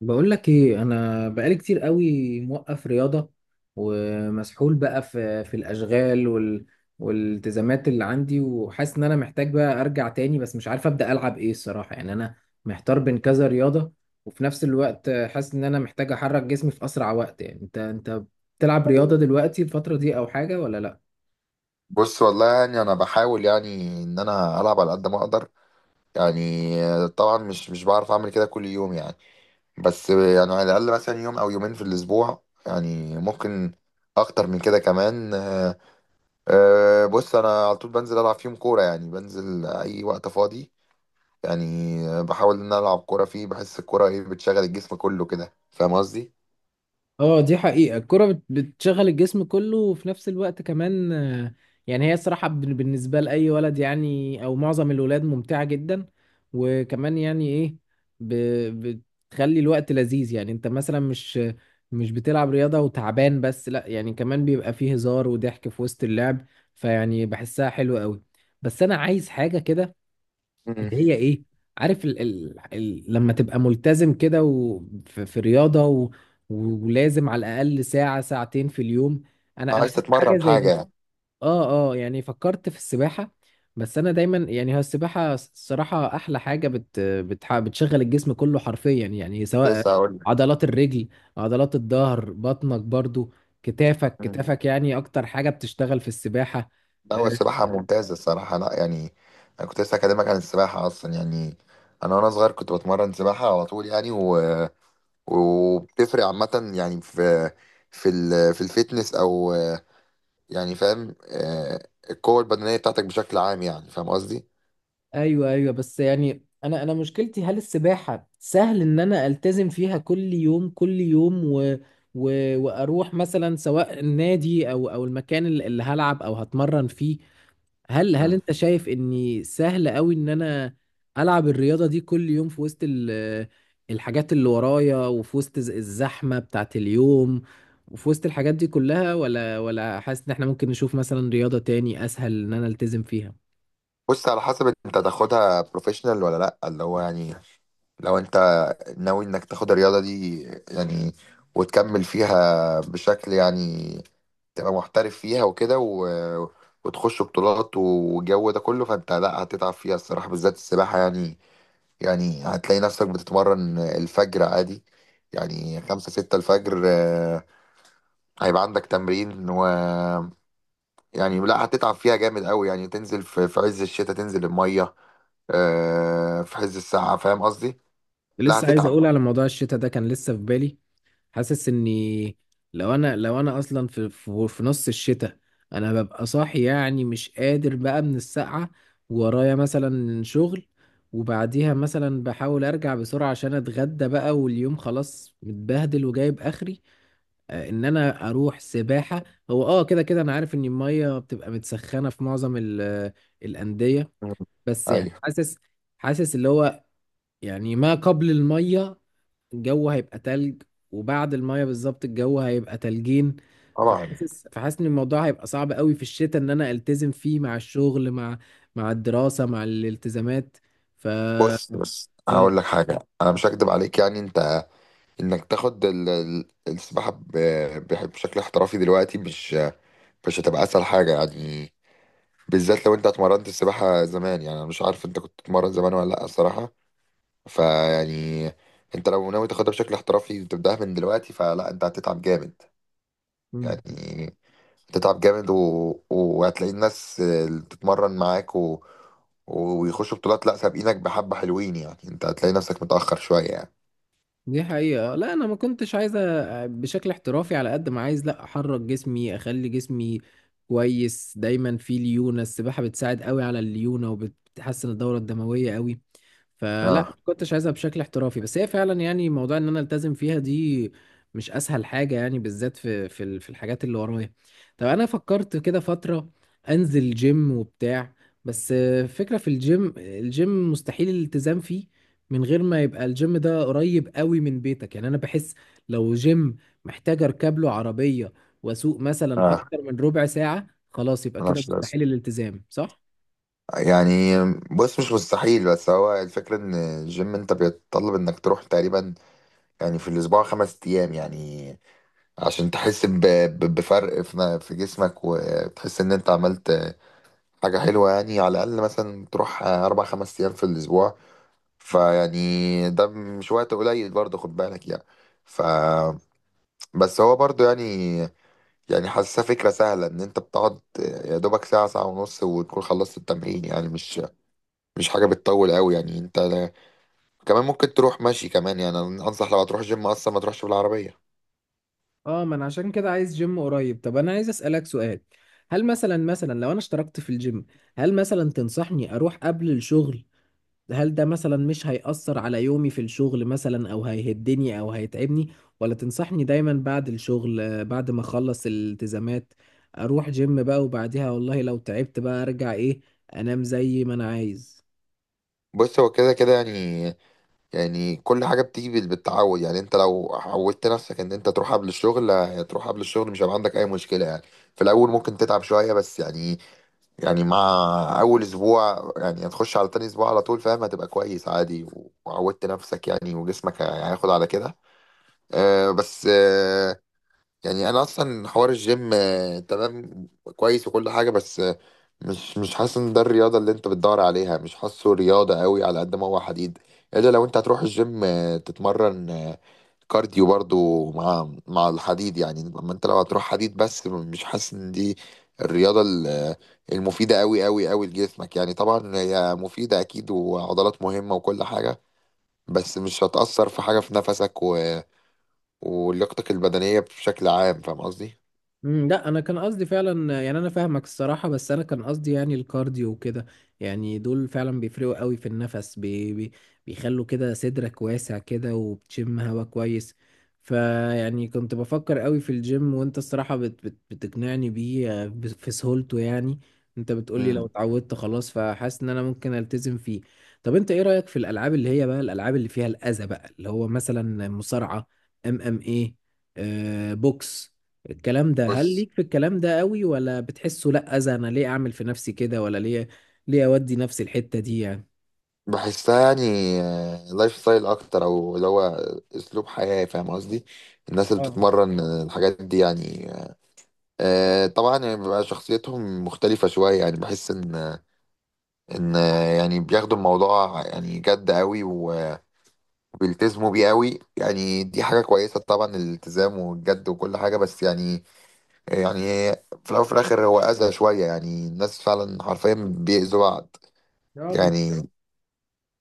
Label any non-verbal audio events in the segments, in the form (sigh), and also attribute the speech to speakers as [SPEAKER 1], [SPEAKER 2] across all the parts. [SPEAKER 1] بقول لك ايه، انا بقالي كتير قوي موقف رياضة ومسحول بقى في الاشغال والالتزامات اللي عندي، وحاسس ان انا محتاج بقى ارجع تاني، بس مش عارف ابدا العب ايه الصراحة. يعني انا محتار بين كذا رياضة، وفي نفس الوقت حاسس ان انا محتاج احرك جسمي في اسرع وقت. يعني انت بتلعب رياضة دلوقتي الفترة دي او حاجة ولا لا؟
[SPEAKER 2] بص والله، انا بحاول، يعني ان انا العب على قد ما اقدر. يعني طبعا مش بعرف اعمل كده كل يوم. يعني بس يعني على الاقل مثلا يوم او يومين في الاسبوع، يعني ممكن اكتر من كده كمان. بص، انا على طول بنزل العب فيهم كوره، بنزل اي وقت فاضي. يعني بحاول ان انا العب كوره فيه، بحس الكوره ايه بتشغل الجسم كله كده، فاهم قصدي؟
[SPEAKER 1] اه دي حقيقة، الكرة بتشغل الجسم كله، وفي نفس الوقت كمان. يعني هي الصراحة، بالنسبة لأي ولد يعني، أو معظم الولاد، ممتعة جدا. وكمان يعني إيه، ب- بتخلي الوقت لذيذ. يعني أنت مثلا، مش بتلعب رياضة وتعبان بس، لأ يعني كمان بيبقى فيه هزار وضحك في وسط اللعب، فيعني بحسها حلوة قوي. بس أنا عايز حاجة كده،
[SPEAKER 2] مم.
[SPEAKER 1] اللي هي ايه، عارف ال ال ال لما تبقى ملتزم كده، وفي رياضة، ولازم على الأقل ساعة ساعتين في اليوم. أنا
[SPEAKER 2] عايز
[SPEAKER 1] عملت حاجة
[SPEAKER 2] تتمرن
[SPEAKER 1] زي
[SPEAKER 2] حاجه
[SPEAKER 1] دي،
[SPEAKER 2] يعني؟
[SPEAKER 1] اه اه، يعني فكرت في السباحة. بس أنا دايما يعني، هو السباحة الصراحة أحلى حاجة بت بتح بتشغل الجسم كله حرفيا، يعني سواء
[SPEAKER 2] لسه هقول
[SPEAKER 1] عضلات الرجل، عضلات الظهر، بطنك برضو، كتافك
[SPEAKER 2] لك.
[SPEAKER 1] كتافك، يعني أكتر حاجة بتشتغل في السباحة
[SPEAKER 2] لا، هو
[SPEAKER 1] آه،
[SPEAKER 2] السباحة ممتازة الصراحة، لا يعني، أنا كنت لسه أكلمك عن السباحة أصلا. يعني أنا وأنا صغير كنت بتمرن سباحة على طول، وبتفرق عامة، يعني في في الفيتنس، أو فاهم، القوة البدنية بتاعتك بشكل عام، يعني فاهم قصدي؟
[SPEAKER 1] ايوه ايوه، بس يعني انا مشكلتي، هل السباحه سهل ان انا التزم فيها كل يوم كل يوم، و... واروح مثلا سواء النادي او المكان اللي هلعب او هتمرن فيه؟ هل
[SPEAKER 2] مم.
[SPEAKER 1] انت شايف اني سهل قوي ان انا العب الرياضه دي كل يوم في وسط الحاجات اللي ورايا، وفي وسط الزحمه بتاعت اليوم، وفي وسط الحاجات دي كلها، ولا حاسس ان احنا ممكن نشوف مثلا رياضه تاني اسهل ان انا التزم فيها؟
[SPEAKER 2] بص، على حسب أنت تاخدها بروفيشنال ولا لأ. اللي هو يعني لو أنت ناوي إنك تاخد الرياضة دي، يعني وتكمل فيها بشكل، تبقى محترف فيها وكده، وتخش بطولات والجو ده كله، فانت لا هتتعب فيها الصراحة، بالذات السباحة. يعني يعني هتلاقي نفسك بتتمرن الفجر عادي، يعني خمسة ستة الفجر. هيبقى عندك تمرين، و لا هتتعب فيها جامد قوي. يعني تنزل في عز الشتاء، تنزل المية في عز الساعة، فاهم قصدي؟ لا
[SPEAKER 1] لسه عايز
[SPEAKER 2] هتتعب.
[SPEAKER 1] اقول على موضوع الشتاء ده، كان لسه في بالي. حاسس اني لو انا اصلا في نص الشتاء، انا ببقى صاحي يعني مش قادر بقى من السقعة، ورايا مثلا شغل، وبعديها مثلا بحاول ارجع بسرعة عشان اتغدى بقى، واليوم خلاص متبهدل وجايب اخري، ان انا اروح سباحة. هو اه كده كده انا عارف ان المية بتبقى متسخنة في معظم الاندية،
[SPEAKER 2] مم.
[SPEAKER 1] بس يعني
[SPEAKER 2] ايوه.
[SPEAKER 1] حاسس اللي هو، يعني ما قبل المية الجو هيبقى تلج، وبعد المايه بالظبط الجو هيبقى تلجين.
[SPEAKER 2] طبعا.
[SPEAKER 1] فحاسس ان الموضوع هيبقى صعب قوي في الشتاء ان انا التزم فيه مع الشغل، مع الدراسة، مع الالتزامات. ف
[SPEAKER 2] بص، هقول لك حاجة، انا مش هكدب عليك. يعني انت، انك تاخد ال- ال- السباحه ب- ب- بشكل احترافي دلوقتي، مش هتبقى اسهل حاجه، يعني بالذات لو انت اتمرنت السباحه زمان. يعني انا مش عارف انت كنت بتتمرن زمان ولا لا الصراحه. فيعني انت لو ناوي تاخدها بشكل احترافي وتبداها من دلوقتي، فلا، انت هتتعب جامد،
[SPEAKER 1] قول.
[SPEAKER 2] يعني هتتعب جامد، وهتلاقي الناس اللي بتتمرن معاك ويخشوا بطولات لا سابقينك بحبه حلوين، يعني انت هتلاقي نفسك متاخر شويه يعني.
[SPEAKER 1] دي حقيقة، لا أنا ما كنتش عايز بشكل احترافي، على قد ما عايز لا أحرك جسمي، أخلي جسمي كويس دايما فيه ليونة. السباحة بتساعد قوي على الليونة، وبتحسن الدورة الدموية قوي. فلا، ما
[SPEAKER 2] اه
[SPEAKER 1] كنتش عايزها بشكل احترافي، بس هي فعلا يعني، موضوع إن أنا ألتزم فيها دي مش أسهل حاجة يعني، بالذات في الحاجات اللي ورايا. طب أنا فكرت كده فترة أنزل جيم وبتاع، بس فكرة في الجيم، الجيم مستحيل الالتزام فيه من غير ما يبقى الجيم ده قريب قوي من بيتك. يعني انا بحس لو جيم محتاج اركب له عربية، واسوق مثلا
[SPEAKER 2] اه،
[SPEAKER 1] اكتر من ربع ساعة، خلاص يبقى كده
[SPEAKER 2] ملهاش
[SPEAKER 1] مستحيل
[SPEAKER 2] لازمه.
[SPEAKER 1] الالتزام، صح؟
[SPEAKER 2] يعني بص، مش مستحيل، بس هو الفكرة ان الجيم انت بيتطلب انك تروح تقريبا يعني في الاسبوع خمس ايام، يعني عشان تحس بفرق في جسمك، وتحس ان انت عملت حاجة حلوة، يعني على الاقل مثلا تروح اربع خمس ايام في الاسبوع. فيعني ده مش وقت قليل برضه، خد بالك. يعني ف بس هو برضه يعني، يعني حاسسها فكرة سهلة، ان انت بتقعد يا دوبك ساعة ونص وتكون خلصت التمرين. يعني مش مش حاجه بتطول قوي. يعني انت لا- كمان ممكن تروح ماشي كمان. يعني انا انصح لو هتروح جيم اصلا ما تروحش بالعربيه.
[SPEAKER 1] اه، ما انا عشان كده عايز جيم قريب. طب انا عايز اسألك سؤال، هل مثلا لو انا اشتركت في الجيم، هل مثلا تنصحني اروح قبل الشغل؟ هل ده مثلا مش هيأثر على يومي في الشغل مثلا، او هيهدني، او هيتعبني؟ ولا تنصحني دايما بعد الشغل، بعد ما اخلص الالتزامات اروح جيم بقى، وبعديها والله لو تعبت بقى ارجع، ايه، انام زي ما انا عايز؟
[SPEAKER 2] بص، هو كده كده يعني، يعني كل حاجه بتيجي بالتعود. يعني انت لو عودت نفسك ان انت تروح قبل الشغل، هتروح قبل الشغل، مش هيبقى عندك اي مشكله. يعني في الاول ممكن تتعب شويه، بس يعني، يعني مع اول اسبوع، يعني هتخش على تاني اسبوع على طول، فاهم؟ هتبقى كويس عادي، وعودت نفسك، يعني وجسمك هياخد على كده. آه، بس آه يعني انا اصلا حوار الجيم تمام كويس وكل حاجه، بس مش مش حاسس ان ده الرياضه اللي انت بتدور عليها. مش حاسه رياضه قوي على قد ما هو حديد، الا لو انت هتروح الجيم تتمرن كارديو برضو مع مع الحديد. يعني اما انت لو هتروح حديد بس، مش حاسس ان دي الرياضه المفيده قوي قوي قوي لجسمك. يعني طبعا هي مفيده اكيد، وعضلات مهمه وكل حاجه، بس مش هتأثر في حاجة في نفسك و... آه، ولياقتك البدنية بشكل عام، فاهم قصدي؟
[SPEAKER 1] لا انا كان قصدي فعلا، يعني انا فاهمك الصراحه، بس انا كان قصدي يعني الكارديو وكده. يعني دول فعلا بيفرقوا قوي في النفس، بي بي بيخلوا كده صدرك واسع كده، وبتشم هوا كويس. فيعني كنت بفكر قوي في الجيم، وانت الصراحه بت بت بتقنعني بيه، في سهولته يعني. انت بتقولي لو
[SPEAKER 2] امم.
[SPEAKER 1] اتعودت خلاص، فحاسس ان انا ممكن التزم فيه. طب انت ايه رايك في الالعاب اللي هي بقى الالعاب اللي فيها الاذى بقى، اللي هو مثلا مصارعه، ام ام ايه، بوكس، الكلام ده؟ هل
[SPEAKER 2] بص،
[SPEAKER 1] ليك في الكلام ده قوي، ولا بتحسه لا، اذى؟ انا ليه اعمل في نفسي كده؟ ولا ليه، ليه اودي نفسي الحتة دي يعني؟
[SPEAKER 2] بحسها يعني لايف ستايل اكتر، او اللي هو اسلوب حياه، فاهم قصدي؟ الناس اللي
[SPEAKER 1] اه
[SPEAKER 2] بتتمرن الحاجات دي، طبعا يعني بيبقى شخصيتهم مختلفه شويه. يعني بحس ان بياخدوا الموضوع يعني جد قوي، وبيلتزموا بيه قوي. يعني دي حاجه كويسه طبعا، الالتزام والجد وكل حاجه، بس يعني، يعني في الاول وفي الاخر هو اذى شويه. يعني الناس فعلا حرفيا بيأذوا بعض،
[SPEAKER 1] اه، بالظبط.
[SPEAKER 2] يعني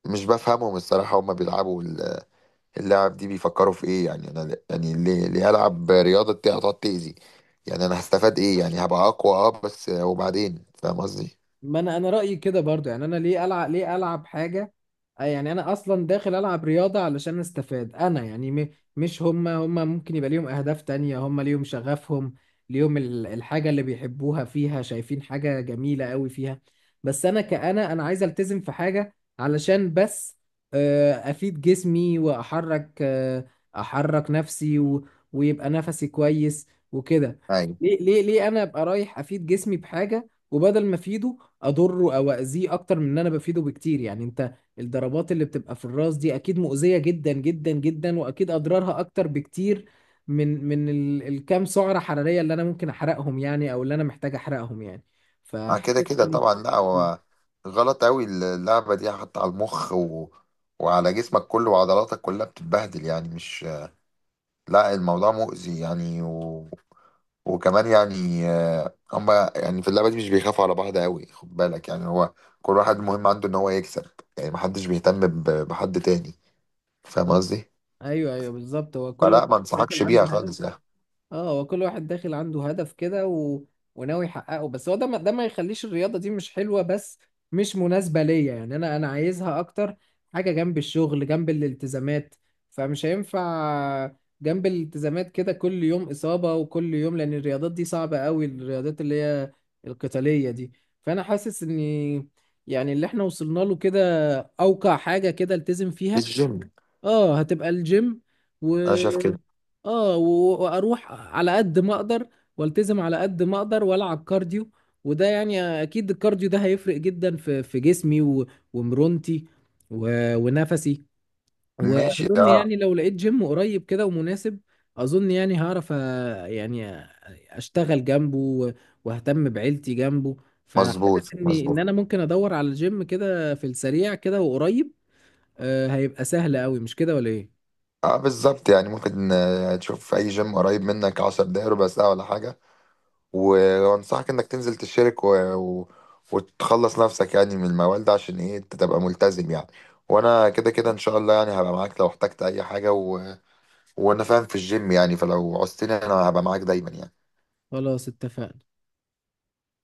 [SPEAKER 2] مش بفهمهم الصراحة. هما بيلعبوا اللاعب دي، بيفكروا في ايه؟ يعني انا يعني، ليه ليه هلعب رياضه دي هتقعد تاذي؟ يعني انا هستفاد ايه؟ يعني هبقى اقوى، اه، بس وبعدين، فاهم قصدي؟
[SPEAKER 1] ما انا رايي كده برضو، يعني انا ليه العب حاجه، آه يعني انا اصلا داخل العب رياضه علشان استفاد انا يعني، مش هما ممكن يبقى ليهم اهداف تانية، هما ليهم شغفهم، ليهم الحاجه اللي بيحبوها، فيها شايفين حاجه جميله قوي فيها. بس انا كأنا عايز التزم في حاجه علشان بس افيد جسمي، واحرك آه، احرك نفسي، ويبقى نفسي كويس وكده.
[SPEAKER 2] ايوه.
[SPEAKER 1] ليه، انا ابقى رايح افيد جسمي بحاجه، وبدل ما افيده اضره او اذيه اكتر من ان انا بفيده بكتير يعني. انت الضربات اللي بتبقى في الراس دي اكيد مؤذية جدا جدا جدا، واكيد اضرارها اكتر بكتير الكام سعرة حرارية اللي انا ممكن احرقهم يعني، او اللي انا محتاج احرقهم يعني.
[SPEAKER 2] آه، كده
[SPEAKER 1] فحاسس
[SPEAKER 2] كده طبعا. لا،
[SPEAKER 1] (laughs)
[SPEAKER 2] هو غلط قوي اللعبه دي، حتى على المخ، وعلى جسمك كله وعضلاتك كلها بتتبهدل. يعني مش، لا، الموضوع مؤذي. وكمان يعني، هما يعني في اللعبه دي مش بيخافوا على بعض قوي، خد بالك. يعني هو كل واحد مهم عنده ان هو يكسب، يعني محدش بيهتم بحد تاني، فاهم قصدي؟
[SPEAKER 1] ايوه ايوه، بالظبط، هو كل
[SPEAKER 2] فلا،
[SPEAKER 1] واحد
[SPEAKER 2] ما
[SPEAKER 1] داخل
[SPEAKER 2] انصحكش بيها
[SPEAKER 1] عنده هدف.
[SPEAKER 2] خالص. يعني
[SPEAKER 1] اه، هو كل واحد داخل عنده هدف كده، وناوي يحققه. بس هو ده ما... ده ما يخليش الرياضة دي مش حلوة بس، مش مناسبة ليا. يعني انا عايزها اكتر حاجة جنب الشغل، جنب الالتزامات، فمش هينفع جنب الالتزامات كده كل يوم إصابة وكل يوم، لأن الرياضات دي صعبة قوي، الرياضات اللي هي القتالية دي. فأنا حاسس إني، يعني اللي احنا وصلنا له كده أوقع حاجة كده التزم فيها،
[SPEAKER 2] الجيم،
[SPEAKER 1] اه هتبقى الجيم.
[SPEAKER 2] انا شايف كده.
[SPEAKER 1] اه واروح على قد ما اقدر، والتزم على قد ما اقدر، والعب كارديو، وده يعني اكيد الكارديو ده هيفرق جدا في جسمي ومرونتي، ونفسي.
[SPEAKER 2] ماشي،
[SPEAKER 1] واظن
[SPEAKER 2] اه.
[SPEAKER 1] يعني لو لقيت جيم قريب كده ومناسب، اظن يعني هعرف يعني أ- اشتغل جنبه، واهتم بعيلتي جنبه.
[SPEAKER 2] مظبوط
[SPEAKER 1] فحاسس اني ان
[SPEAKER 2] مظبوط.
[SPEAKER 1] انا ممكن ادور على جيم كده في السريع كده، وقريب، هيبقى سهل قوي، مش كده ولا ايه؟
[SPEAKER 2] اه بالظبط. يعني ممكن تشوف في اي جيم قريب منك 10 دقايق ربع ساعه ولا حاجه، وانصحك انك تنزل تشترك و... وتخلص نفسك يعني من الموال ده، عشان ايه انت تبقى ملتزم. يعني وانا كده كده ان شاء الله، يعني هبقى معاك لو احتجت اي حاجه، وانا فاهم في الجيم، يعني فلو عوزتني انا هبقى معاك دايما يعني.
[SPEAKER 1] خلاص، اتفقنا.